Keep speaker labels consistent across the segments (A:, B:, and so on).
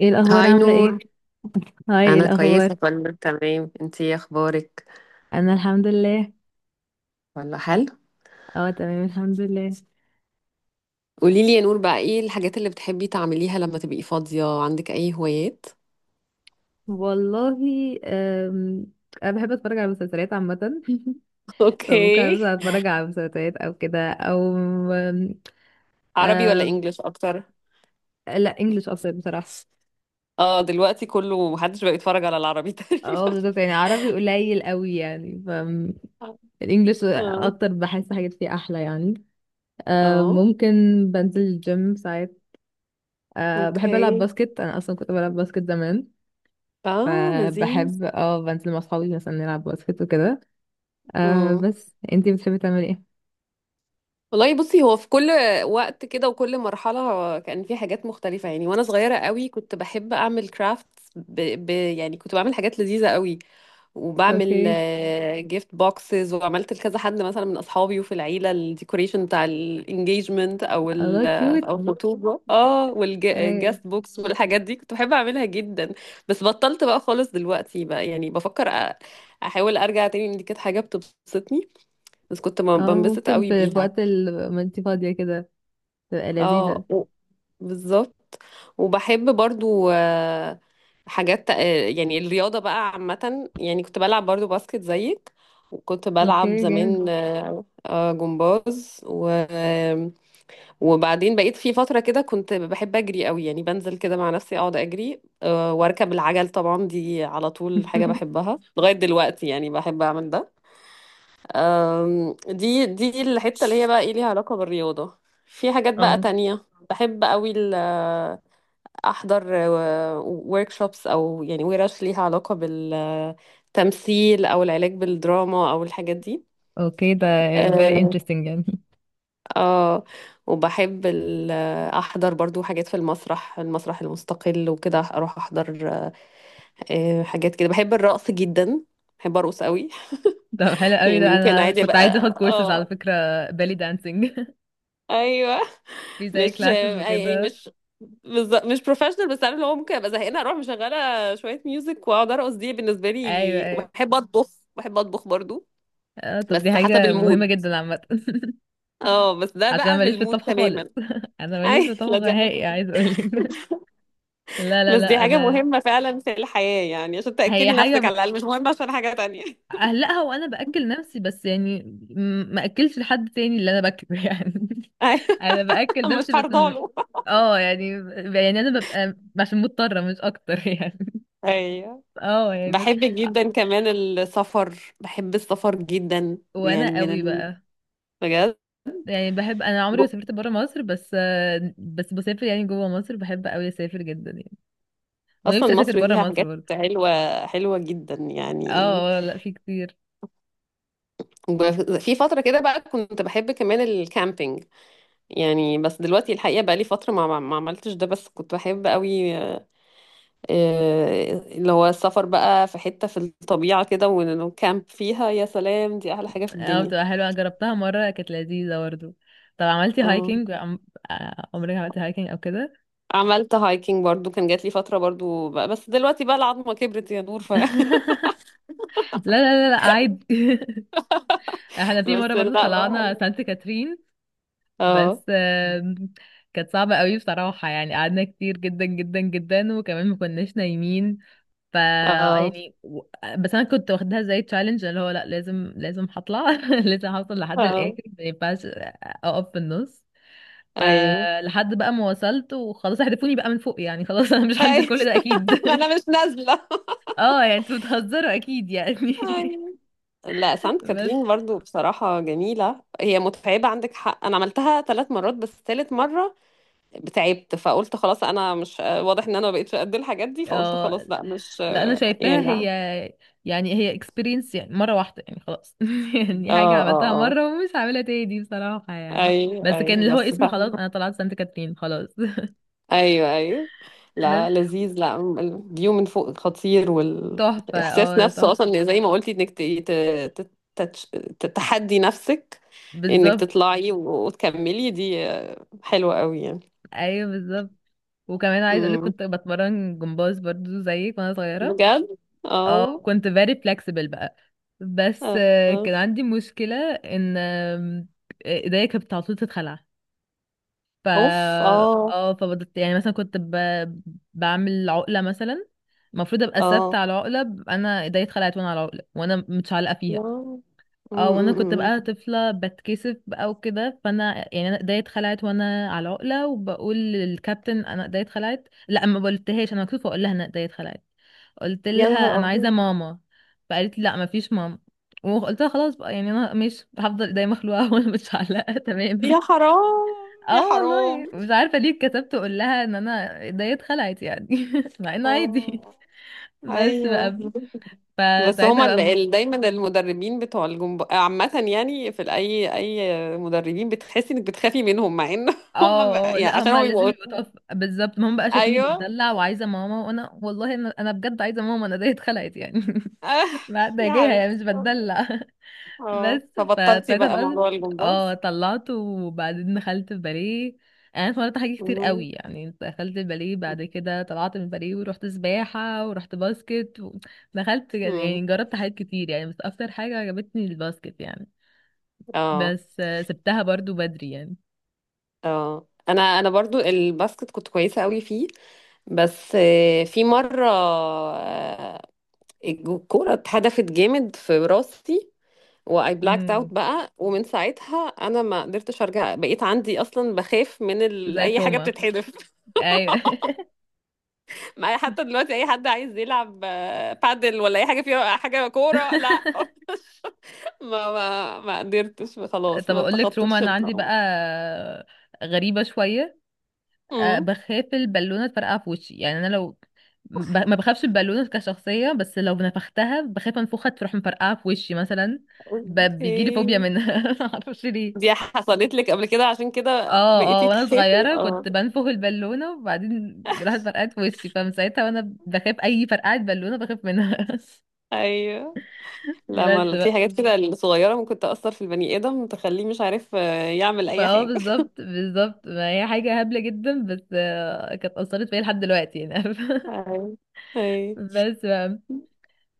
A: ايه الاخبار،
B: هاي
A: عامله
B: نور.
A: ايه؟ هاي، ايه
B: انا كويسه،
A: الاخبار؟
B: كله تمام. انتي ايه اخبارك؟
A: انا الحمد لله.
B: ولا، حلو.
A: اه، تمام الحمد لله.
B: قولي لي يا نور بقى، ايه الحاجات اللي بتحبي تعمليها لما تبقي فاضيه؟ عندك اي هوايات؟
A: والله. أم... انا بحب اتفرج على المسلسلات عامه. فممكن
B: اوكي.
A: مثلا اتفرج على مسلسلات او كده او... أم...
B: عربي ولا
A: أم...
B: انجليش اكتر؟
A: لا، انجلش اكتر بصراحه.
B: اه، دلوقتي كله محدش بقى يتفرج على العربي
A: اه
B: تقريبا.
A: بالظبط، يعني عربي قليل قوي يعني، فالانجليش
B: اه،
A: اكتر، بحس حاجات فيه احلى يعني.
B: اه،
A: ممكن. بنزل الجيم ساعات. أه بحب ألعب
B: اوكي.
A: باسكت، أنا أصلا كنت بلعب باسكت زمان.
B: اه لذيذ.
A: فبحب بنزل مع اصحابي مثلا نلعب باسكت وكده. بس انتي بتحبي تعملي ايه؟
B: والله بصي، هو في كل وقت كده وكل مرحلة كان في حاجات مختلفة يعني. وأنا صغيرة قوي كنت بحب أعمل كرافت. يعني كنت بعمل حاجات لذيذة قوي، وبعمل
A: اوكي.
B: جيفت بوكسز، وعملت لكذا حد مثلا من أصحابي وفي العيلة، الديكوريشن بتاع الانجيجمنت،
A: الله، كيوت!
B: أو الخطوبة، اه،
A: ايوه.
B: والجاست بوكس والحاجات دي كنت بحب أعملها جدا. بس بطلت بقى خالص دلوقتي. بقى يعني بفكر أحاول أرجع تاني، لأن دي كانت حاجة بتبسطني. بس كنت
A: اه،
B: بنبسط
A: ممكن
B: قوي
A: في
B: بيها.
A: وقت ما انتي فاضية كده تبقى لذيذة.
B: اه و- بالظبط. وبحب برضو حاجات، يعني الرياضة بقى عامة، يعني كنت بلعب برضو باسكت زيك. وكنت بلعب
A: اوكي جامد.
B: زمان جمباز وبعدين بقيت في فترة كده كنت بحب أجري قوي، يعني بنزل كده مع نفسي أقعد أجري، وأركب العجل. طبعا دي على طول حاجة بحبها لغاية دلوقتي، يعني بحب أعمل ده. دي الحتة اللي هي بقى ايه، ليها علاقة بالرياضة. في حاجات بقى
A: اه،
B: تانية بحب قوي احضر workshops، او يعني ورش ليها علاقة بالتمثيل او العلاج بالدراما او الحاجات دي.
A: اوكي، ده very
B: اه.
A: interesting يعني.
B: آه، وبحب احضر برضو حاجات في المسرح، المستقل، وكده اروح احضر حاجات كده. بحب الرقص جدا، بحب ارقص قوي.
A: ده حلو قوي،
B: يعني
A: ده
B: ممكن
A: انا
B: عادي
A: كنت عايزة اخد
B: بقى،
A: كورسز على
B: اه.
A: فكرة belly dancing.
B: ايوه.
A: في زي
B: مش
A: classes
B: يعني،
A: وكده.
B: مش بروفيشنال، بس عارف اللي هو، ممكن ابقى زهقانه اروح مشغله شويه ميوزك واقعد ارقص. دي بالنسبه
A: ايوه،
B: لي.
A: ايوه.
B: وبحب اطبخ. بحب اطبخ برضو.
A: اه، طب دي
B: بس حسب
A: حاجة مهمة
B: المود.
A: جدا عامة.
B: اه بس ده
A: عشان انا
B: بقى في
A: ماليش في
B: المود
A: الطبخ خالص.
B: تماما.
A: انا ماليش في
B: اي، لا
A: الطبخ
B: دي
A: نهائي، عايز اقولك. لا، لا،
B: بس دي
A: لا،
B: حاجه
A: انا...
B: مهمه فعلا في الحياه، يعني عشان
A: هي
B: تاكلي
A: حاجه
B: نفسك على الاقل، مش مهمه عشان حاجه تانية.
A: اهلقها وانا باكل نفسي بس يعني. ما اكلش لحد تاني اللي انا باكله. يعني
B: ايوه.
A: انا باكل
B: مش
A: نفسي بس
B: هرضاله.
A: اه، يعني. يعني انا ببقى عشان مضطره مش اكتر. يعني،
B: ايوه.
A: اه، يعني، بس.
B: بحب جدا كمان السفر، بحب السفر جدا. يعني
A: وانا
B: من
A: قوي
B: ال...
A: بقى.
B: بجد.
A: يعني بحب، انا عمري ما سافرت بره مصر. بس، بس بسافر يعني جوه مصر، بحب قوي اسافر جدا يعني. ونفسي
B: اصلا
A: اسافر
B: مصر
A: بره
B: فيها
A: مصر
B: حاجات
A: برضه.
B: حلوه، حلوه جدا يعني.
A: اه، لا، في كتير.
B: ب- في فتره كده بقى كنت بحب كمان الكامبينج، يعني بس دلوقتي الحقيقه بقى لي فتره ما عملتش ده، بس كنت بحب قوي. اللي هو السفر بقى في حته في الطبيعه كده والكامب فيها، يا سلام، دي احلى حاجه في
A: اه،
B: الدنيا.
A: بتبقى حلوة، جربتها مرة، كانت لذيذة برضه. طب عملتي
B: اه،
A: هايكنج عم... آه، عمرك عملتي هايكنج او كده؟
B: عملت هايكنج برضو، كان جات لي فتره برضو بقى، بس دلوقتي بقى العظمه كبرت يا نور،
A: لا، لا، لا، لا، عادي. احنا في مرة
B: بس
A: برضه طلعنا
B: لا.
A: سانت كاترين. بس
B: اه،
A: كانت صعبة قوي بصراحة، يعني قعدنا كتير جدا جدا جدا، وكمان ما كناش نايمين. ف
B: اه،
A: يعني و- بس انا كنت واخدها زي تشالنج، اللي هو لا، لازم لازم هطلع. لازم هوصل لحد
B: اه،
A: الاخر، ما ينفعش اقف في النص.
B: ايوه،
A: فلحد بقى ما وصلت وخلاص، هدفوني بقى من فوق يعني، خلاص. انا مش هنزل
B: ايوه.
A: كل ده اكيد.
B: ما انا مش نازله.
A: اه، يعني انتوا بتهزروا اكيد يعني.
B: أيوة. لا سانت
A: بس،
B: كاترين برضو بصراحة جميلة، هي متعبة عندك حق. أنا عملتها ثلاث مرات، بس ثالث مرة تعبت، فقلت خلاص أنا مش، واضح إن أنا ما بقتش قد الحاجات دي، فقلت
A: اه،
B: خلاص لا مش
A: لا انا شايفاها،
B: يعني.
A: هي
B: اه،
A: يعني هي اكسبيرينس، يعني مره واحده يعني خلاص. يعني حاجه
B: اه،
A: عملتها
B: اه،
A: مره ومش هعملها تاني بصراحه يعني.
B: أي،
A: بس كان
B: أي،
A: اللي هو
B: بس
A: اسمي،
B: فاهمة.
A: خلاص انا طلعت سانت كاترين، خلاص.
B: أيوه، أيوه.
A: بس
B: لا، لذيذ. لا الفيو من فوق خطير،
A: تحفه،
B: والإحساس
A: اه
B: نفسه
A: تحفه.
B: أصلا زي ما قلتي إنك ت- تتش- تتحدي نفسك، إنك
A: بالظبط.
B: تطلعي وتكملي، دي حلوة قوي
A: ايوه بالظبط. وكمان عايز اقولك
B: يعني.
A: كنت بتمرن جمباز برضو زيك وانا صغيره.
B: بجد.
A: اه،
B: اه،
A: كنت very flexible بقى. بس
B: اه.
A: كان عندي مشكلة ان ايديا كانت على طول تتخلع. ف
B: اوف، اه،
A: اه، فبدت يعني مثلا كنت بعمل عقلة مثلا. المفروض ابقى ثابتة
B: اه.
A: على العقلة، انا ايديا اتخلعت وانا على العقلة وانا متشعلقة فيها.
B: يا م-
A: اه، وانا كنت
B: م-
A: بقى
B: م.
A: طفله بتكسف بقى وكده، فانا يعني انا ايديا اتخلعت وانا على عقله، وبقول للكابتن انا ايديا اتخلعت. لا، ما قلتهاش، انا مكسوفه اقول لها انا ايديا اتخلعت. قلت
B: يا نهار
A: لها انا عايزه
B: ابيض.
A: ماما. فقالت لي لا، ما فيش ماما. وقلت لها خلاص بقى، يعني انا مش هفضل ايديا مخلوعه وانا مش علقه.
B: يا
A: تمام.
B: حرام، يا
A: اه والله
B: حرام.
A: مش عارفه ليه اتكسفت اقول لها ان انا ايديا اتخلعت يعني. مع انه عادي.
B: اه،
A: بس
B: ايوه.
A: بقى.
B: بس
A: فساعتها
B: هما
A: بقى.
B: دايما المدربين بتوع الجمباز عامة يعني، في اي مدربين بتحسي انك بتخافي منهم، مع ان هما
A: اه، اه،
B: يعني
A: لا
B: عشان هو
A: هما لازم
B: بيبقوا.
A: يبقوا طف، بالظبط، ما هم بقى شايفيني
B: ايوه.
A: بتدلع وعايزه ماما، وانا والله انا، بجد عايزه ماما، انا زي اتخلقت يعني.
B: آه،
A: ما ده
B: يا
A: جاية يعني
B: حبيبتي.
A: مش بتدلع.
B: اه،
A: بس
B: فبطلتي
A: فابتديت
B: بقى
A: بقى.
B: موضوع
A: اه،
B: الجمباز؟
A: طلعت وبعدين دخلت الباليه. يعني انا اتمرنت حاجات كتير
B: مم.
A: قوي، يعني دخلت الباليه، بعد كده طلعت من الباليه ورحت سباحه ورحت باسكت و... دخلت،
B: مم.
A: يعني جربت حاجات كتير يعني، بس اكتر حاجه عجبتني الباسكت يعني.
B: اه،
A: بس سبتها برضو بدري يعني.
B: اه، انا برضو الباسكت كنت كويسه قوي فيه. بس في مره، الكوره اتهدفت جامد في راسي، واي بلاكت اوت
A: امم
B: بقى. ومن ساعتها انا ما قدرتش ارجع، بقيت عندي اصلا بخاف من
A: زي
B: اي حاجه
A: روما.
B: بتتحدف.
A: ايوه.
B: معايا حتى دلوقتي، اي حد عايز يلعب بادل ولا اي حاجه فيها حاجه كوره، لا. ما قدرتش خلاص،
A: طب
B: ما
A: اقول لك، تروما
B: تخطيتش
A: انا عندي بقى،
B: الطاوله.
A: غريبه شويه.
B: امم
A: بخاف البالونه تفرقع في وشي، يعني انا لو ما بخافش البالونه كشخصيه، بس لو نفختها بخاف انفخها تروح مفرقعه في وشي مثلا. بيجي لي فوبيا
B: اوكي.
A: منها، ما اعرفش ليه.
B: دي حصلت لك قبل كده عشان كده
A: اه، اه،
B: بقيتي
A: وانا
B: تخافي؟
A: صغيره
B: اه.
A: كنت بنفخ البالونه وبعدين راحت فرقعت في وشي، فمن ساعتها وانا بخاف اي فرقعه بالونه بخاف منها.
B: ايوه. لا، ما في
A: بس،
B: حاجات كده الصغيره ممكن تاثر في البني ادم، تخليه مش عارف يعمل
A: ما،
B: اي
A: اه،
B: حاجه.
A: بالظبط بالظبط، ما هي حاجة هبلة جدا، بس كانت أثرت فيا لحد دلوقتي يعني.
B: ايوه، ايوه.
A: بس بقى.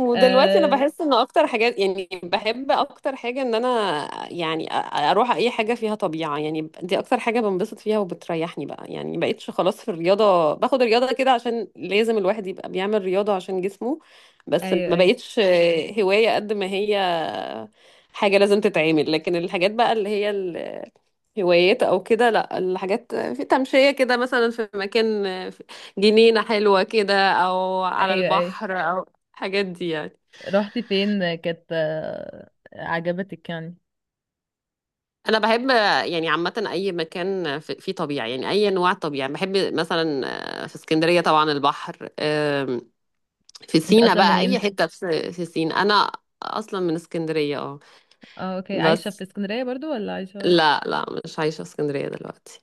B: ودلوقتي انا
A: آه
B: بحس ان اكتر حاجات، يعني بحب اكتر حاجه ان انا يعني اروح اي حاجه فيها طبيعه، يعني دي اكتر حاجه بنبسط فيها وبتريحني بقى. يعني مبقتش خلاص في الرياضه، باخد الرياضه كده عشان لازم الواحد يبقى بيعمل رياضه عشان جسمه. بس
A: أيوه،
B: ما
A: أيوه،
B: بقتش هوايه قد ما هي حاجة لازم تتعمل. لكن الحاجات بقى اللي هي الهوايات أو كده، لأ، الحاجات في تمشية كده مثلا في مكان، في جنينة حلوة كده أو على
A: أيوه، أيوه.
B: البحر أو الحاجات دي يعني.
A: رحتي فين كانت عجبتك يعني؟
B: أنا بحب، يعني عامة أي مكان فيه طبيعة، يعني أي أنواع طبيعة بحب، مثلا في اسكندرية طبعا البحر، في
A: انت
B: سينا
A: أصلا
B: بقى، أي
A: منين؟
B: حتة في سينا. أنا أصلا من اسكندرية، اه.
A: اه، اوكي، عايشة في
B: بس
A: اسكندرية برضو ولا عايشة؟
B: لا، لا مش عايشة في اسكندرية دلوقتي.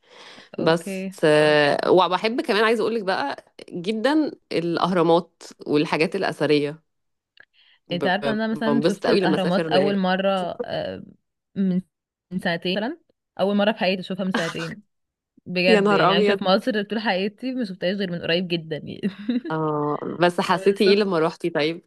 B: بس
A: اوكي.
B: وبحب كمان عايزه اقولك بقى جدا الاهرامات والحاجات الاثريه.
A: انت عارفة
B: ب-
A: ان انا مثلا
B: بنبسط
A: شفت
B: قوي لما اسافر.
A: الأهرامات أول مرة، آه، من من سنتين مثلا. أول مرة في حياتي أشوفها من سنتين.
B: يا
A: بجد
B: نهار
A: يعني عايشة
B: ابيض.
A: في مصر طول حياتي ما شفتهاش غير من قريب جدا يعني.
B: اه، بس حسيتي
A: بس
B: ايه لما روحتي؟ طيب.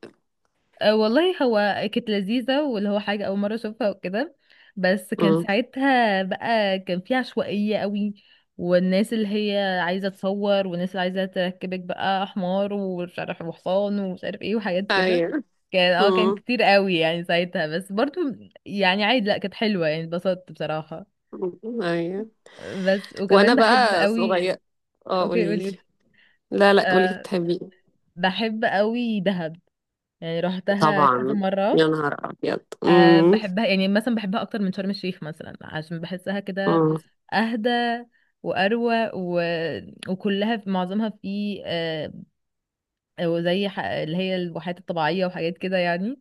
A: والله هو كانت لذيذة واللي هو حاجة أول مرة أشوفها وكده. بس كان
B: امم،
A: ساعتها بقى كان في عشوائية قوي، والناس اللي هي عايزة تصور، والناس اللي عايزة تركبك بقى حمار ومش عارف وحصان ومش عارف ايه وحاجات كده.
B: ايوه.
A: كان
B: امم،
A: كتير قوي يعني ساعتها، بس برضو يعني عادي. لأ، كانت حلوة، يعني اتبسطت بصراحة.
B: ايوه.
A: بس
B: وانا
A: وكمان بحب
B: بقى صغير.
A: قوي.
B: اه،
A: اوكي،
B: قولي لي.
A: قولي قولي.
B: لا، لا قولي لي،
A: أه،
B: بتحبي؟
A: بحب قوي دهب، يعني روحتها كذا
B: طبعا. يا
A: مرة.
B: نهار ابيض.
A: أه
B: امم،
A: بحبها، يعني مثلا بحبها اكتر من شرم الشيخ مثلا، عشان بحسها كده
B: امم.
A: اهدى واروق و... وكلها في معظمها في أو زي اللي هي الواحات الطبيعيه وحاجات كده يعني.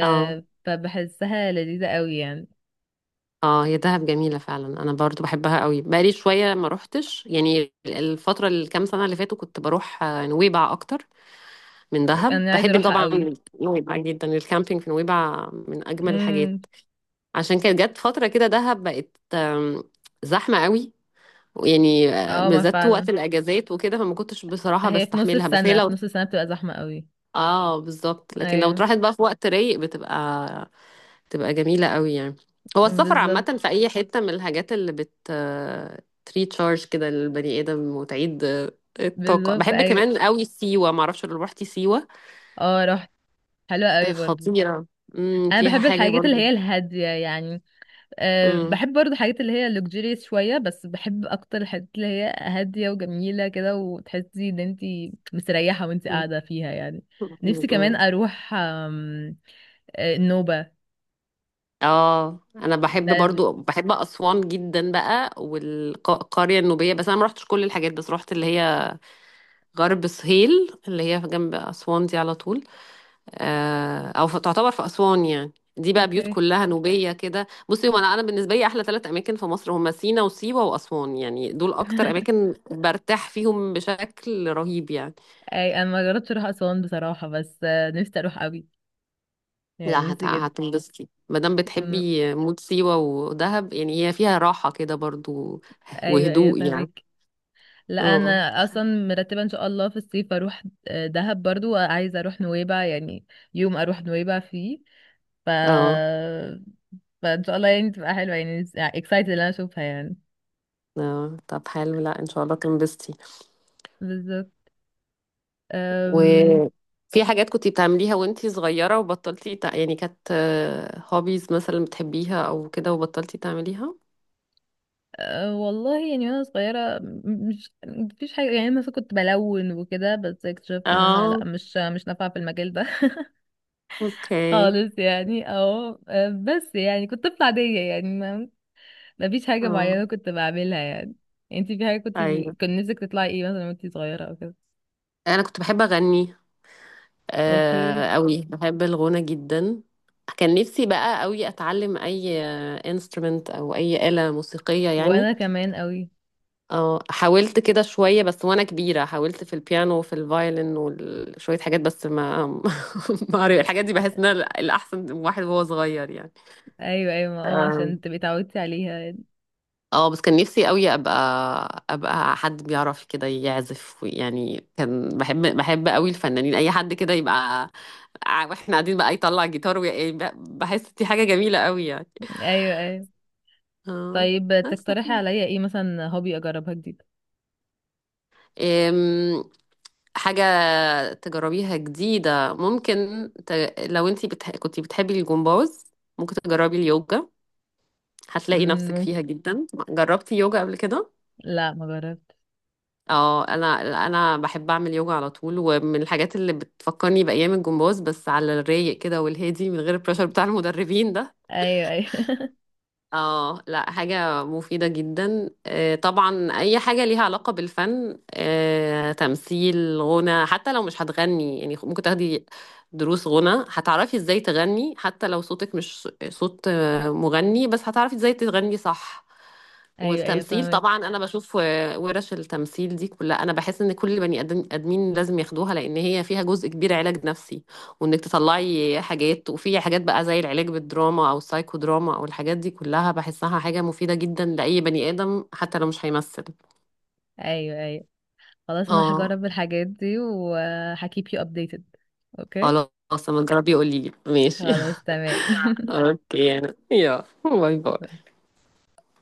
B: اه،
A: فبحسها لذيذه قوي يعني.
B: اه، هي دهب جميلة فعلا، انا برضو بحبها قوي، بقالي شوية ما روحتش يعني الفترة الكام سنة اللي فاتوا. كنت بروح نويبع اكتر من دهب،
A: انا عايزه
B: بحب
A: اروحها
B: طبعا.
A: قوي.
B: نويبع جدا، الكامبينج في نويبع من اجمل
A: امم.
B: الحاجات. عشان كانت جت فترة كده دهب بقت زحمة قوي. يعني
A: اه، ما
B: بالذات وقت
A: فعلا
B: الاجازات وكده، فما كنتش بصراحة
A: هي في نص
B: بستحملها. بس هي
A: السنه
B: لو،
A: في نص السنه بتبقى زحمه قوي.
B: اه بالظبط. لكن لو
A: ايوه
B: اتراحت بقى في وقت رايق، بتبقى جميلة قوي يعني. هو السفر
A: بالظبط.
B: عامة في أي حتة، من الحاجات اللي تريتشارج كده للبني آدم وتعيد الطاقة.
A: بالظبط،
B: بحب
A: ايوه،
B: كمان قوي سيوة، معرفش لو روحتي سيوة.
A: اه، رحت. حلوه قوي برضو.
B: خطيرة. امم،
A: انا
B: فيها
A: بحب
B: حاجة
A: الحاجات اللي هي
B: برضو.
A: الهاديه يعني. أه
B: امم.
A: بحب برضه حاجات اللي هي luxurious شوية، بس بحب أكتر الحاجات اللي هي هادية وجميلة كده وتحسي إن انتي مستريحة وانتي
B: امم.
A: قاعدة فيها يعني.
B: امم.
A: نفسي كمان
B: امم.
A: أروح أم، أه، النوبة.
B: اه، انا
A: ده،
B: بحب برضو، بحب اسوان جدا بقى، والقريه النوبيه، بس انا ما رحتش كل الحاجات، بس رحت اللي هي غرب سهيل اللي هي جنب اسوان دي على طول، او تعتبر في اسوان يعني، دي بقى بيوت
A: اوكي.
B: كلها نوبيه كده. بصي هو، انا بالنسبه لي احلى ثلاث اماكن في مصر هما سينا وسيوه واسوان، يعني دول اكتر اماكن برتاح فيهم بشكل رهيب يعني.
A: أي، أنا ما جربتش أروح أسوان بصراحة، بس نفسي أروح أوي، يعني
B: لا
A: نفسي جدا.
B: هتنبسطي ما دام
A: أم،
B: بتحبي مود سيوه ودهب، يعني هي فيها راحه كده برضو،
A: أيوه، أيوه،
B: وهدوء يعني.
A: فاهمك. لا،
B: اه،
A: أنا أصلا مرتبة إن شاء الله في الصيف أروح دهب، برضو عايزة أروح نويبع، يعني يوم أروح نويبع فيه. ف
B: اه.
A: فان شاء الله يعني تبقى حلوه، يعني اكسايتد ان انا اشوفها يعني.
B: آه. طب حلو، لا ان شاء الله تنبسطي.
A: بالظبط. أم...
B: وفي حاجات كنتي بتعمليها وانتي صغيرة وبطلتي يعني كانت هوبيز مثلا بتحبيها او كده وبطلتي تعمليها؟
A: أه والله يعني وانا صغيره م- مش مفيش حاجه، يعني مثلا كنت بلون وكده، بس اكتشفت ان انا
B: اه،
A: لا، مش نافعه في المجال ده.
B: اوكي.
A: خالص يعني، او بس يعني كنت طفله عاديه يعني، ما مفيش حاجه
B: اه،
A: معينه كنت بعملها يعني. يعني انتي في حاجه
B: ايوه،
A: كان نفسك تطلعي ايه مثلا وانتي صغيره او كده؟
B: انا كنت بحب اغني
A: اوكي.
B: قوي، بحب الغنى جدا. كان نفسي بقى قوي اتعلم اي انسترومنت او اي آلة موسيقية يعني.
A: وانا كمان قوي.
B: اه، حاولت كده شوية، بس وانا كبيرة حاولت في البيانو وفي الفايلن وشوية حاجات بس ما. ما عرف- الحاجات دي بحس انها الاحسن واحد وهو صغير يعني.
A: ايوه، ايوه، عشان تبقي اتعودتي عليها.
B: اه، بس كان نفسي قوي ابقى حد بيعرف كده يعزف يعني. كان بحب قوي الفنانين، اي حد كده يبقى، واحنا قاعدين بقى يطلع جيتار بحس دي حاجة جميلة قوي يعني.
A: ايوه، ايوه.
B: اه،
A: طيب،
B: بس
A: تقترحي عليا ايه مثلا، هوبي اجربها جديد؟
B: حاجة تجربيها جديدة ممكن ت... لو انتي كنتي بتحبي الجمباز، ممكن تجربي اليوجا، هتلاقي نفسك فيها
A: ممكن.
B: جدا. جربتي يوجا قبل كده؟
A: لا، ما جربت.
B: اه، انا بحب اعمل يوجا على طول، ومن الحاجات اللي بتفكرني بايام الجمباز، بس على الرايق كده والهادي من غير البريشر بتاع المدربين ده.
A: ايوه، ايوه.
B: اه، لا حاجة مفيدة جدا. طبعا أي حاجة ليها علاقة بالفن، تمثيل، غنى، حتى لو مش هتغني يعني ممكن تاخدي دروس غنى، هتعرفي ازاي تغني، حتى لو صوتك مش صوت مغني، بس هتعرفي ازاي تغني صح.
A: ايوه، ايوه،
B: والتمثيل طبعا،
A: فاهمك.
B: انا بشوف ورش التمثيل دي كلها، انا بحس ان كل ادمين لازم ياخدوها، لان هي فيها جزء كبير علاج نفسي، وانك تطلعي حاجات. وفي حاجات بقى زي العلاج بالدراما او السايكو دراما او الحاجات دي كلها، بحسها حاجة مفيدة جدا لاي بني ادم حتى لو مش هيمثل.
A: ايوه، ايوه، خلاص انا
B: اه،
A: هجرب الحاجات دي وهكيب يو ابديتد. اوكي.
B: خلاص لما تجربي قولي لي، ماشي؟
A: خلاص، تمام.
B: اوكي باي باي.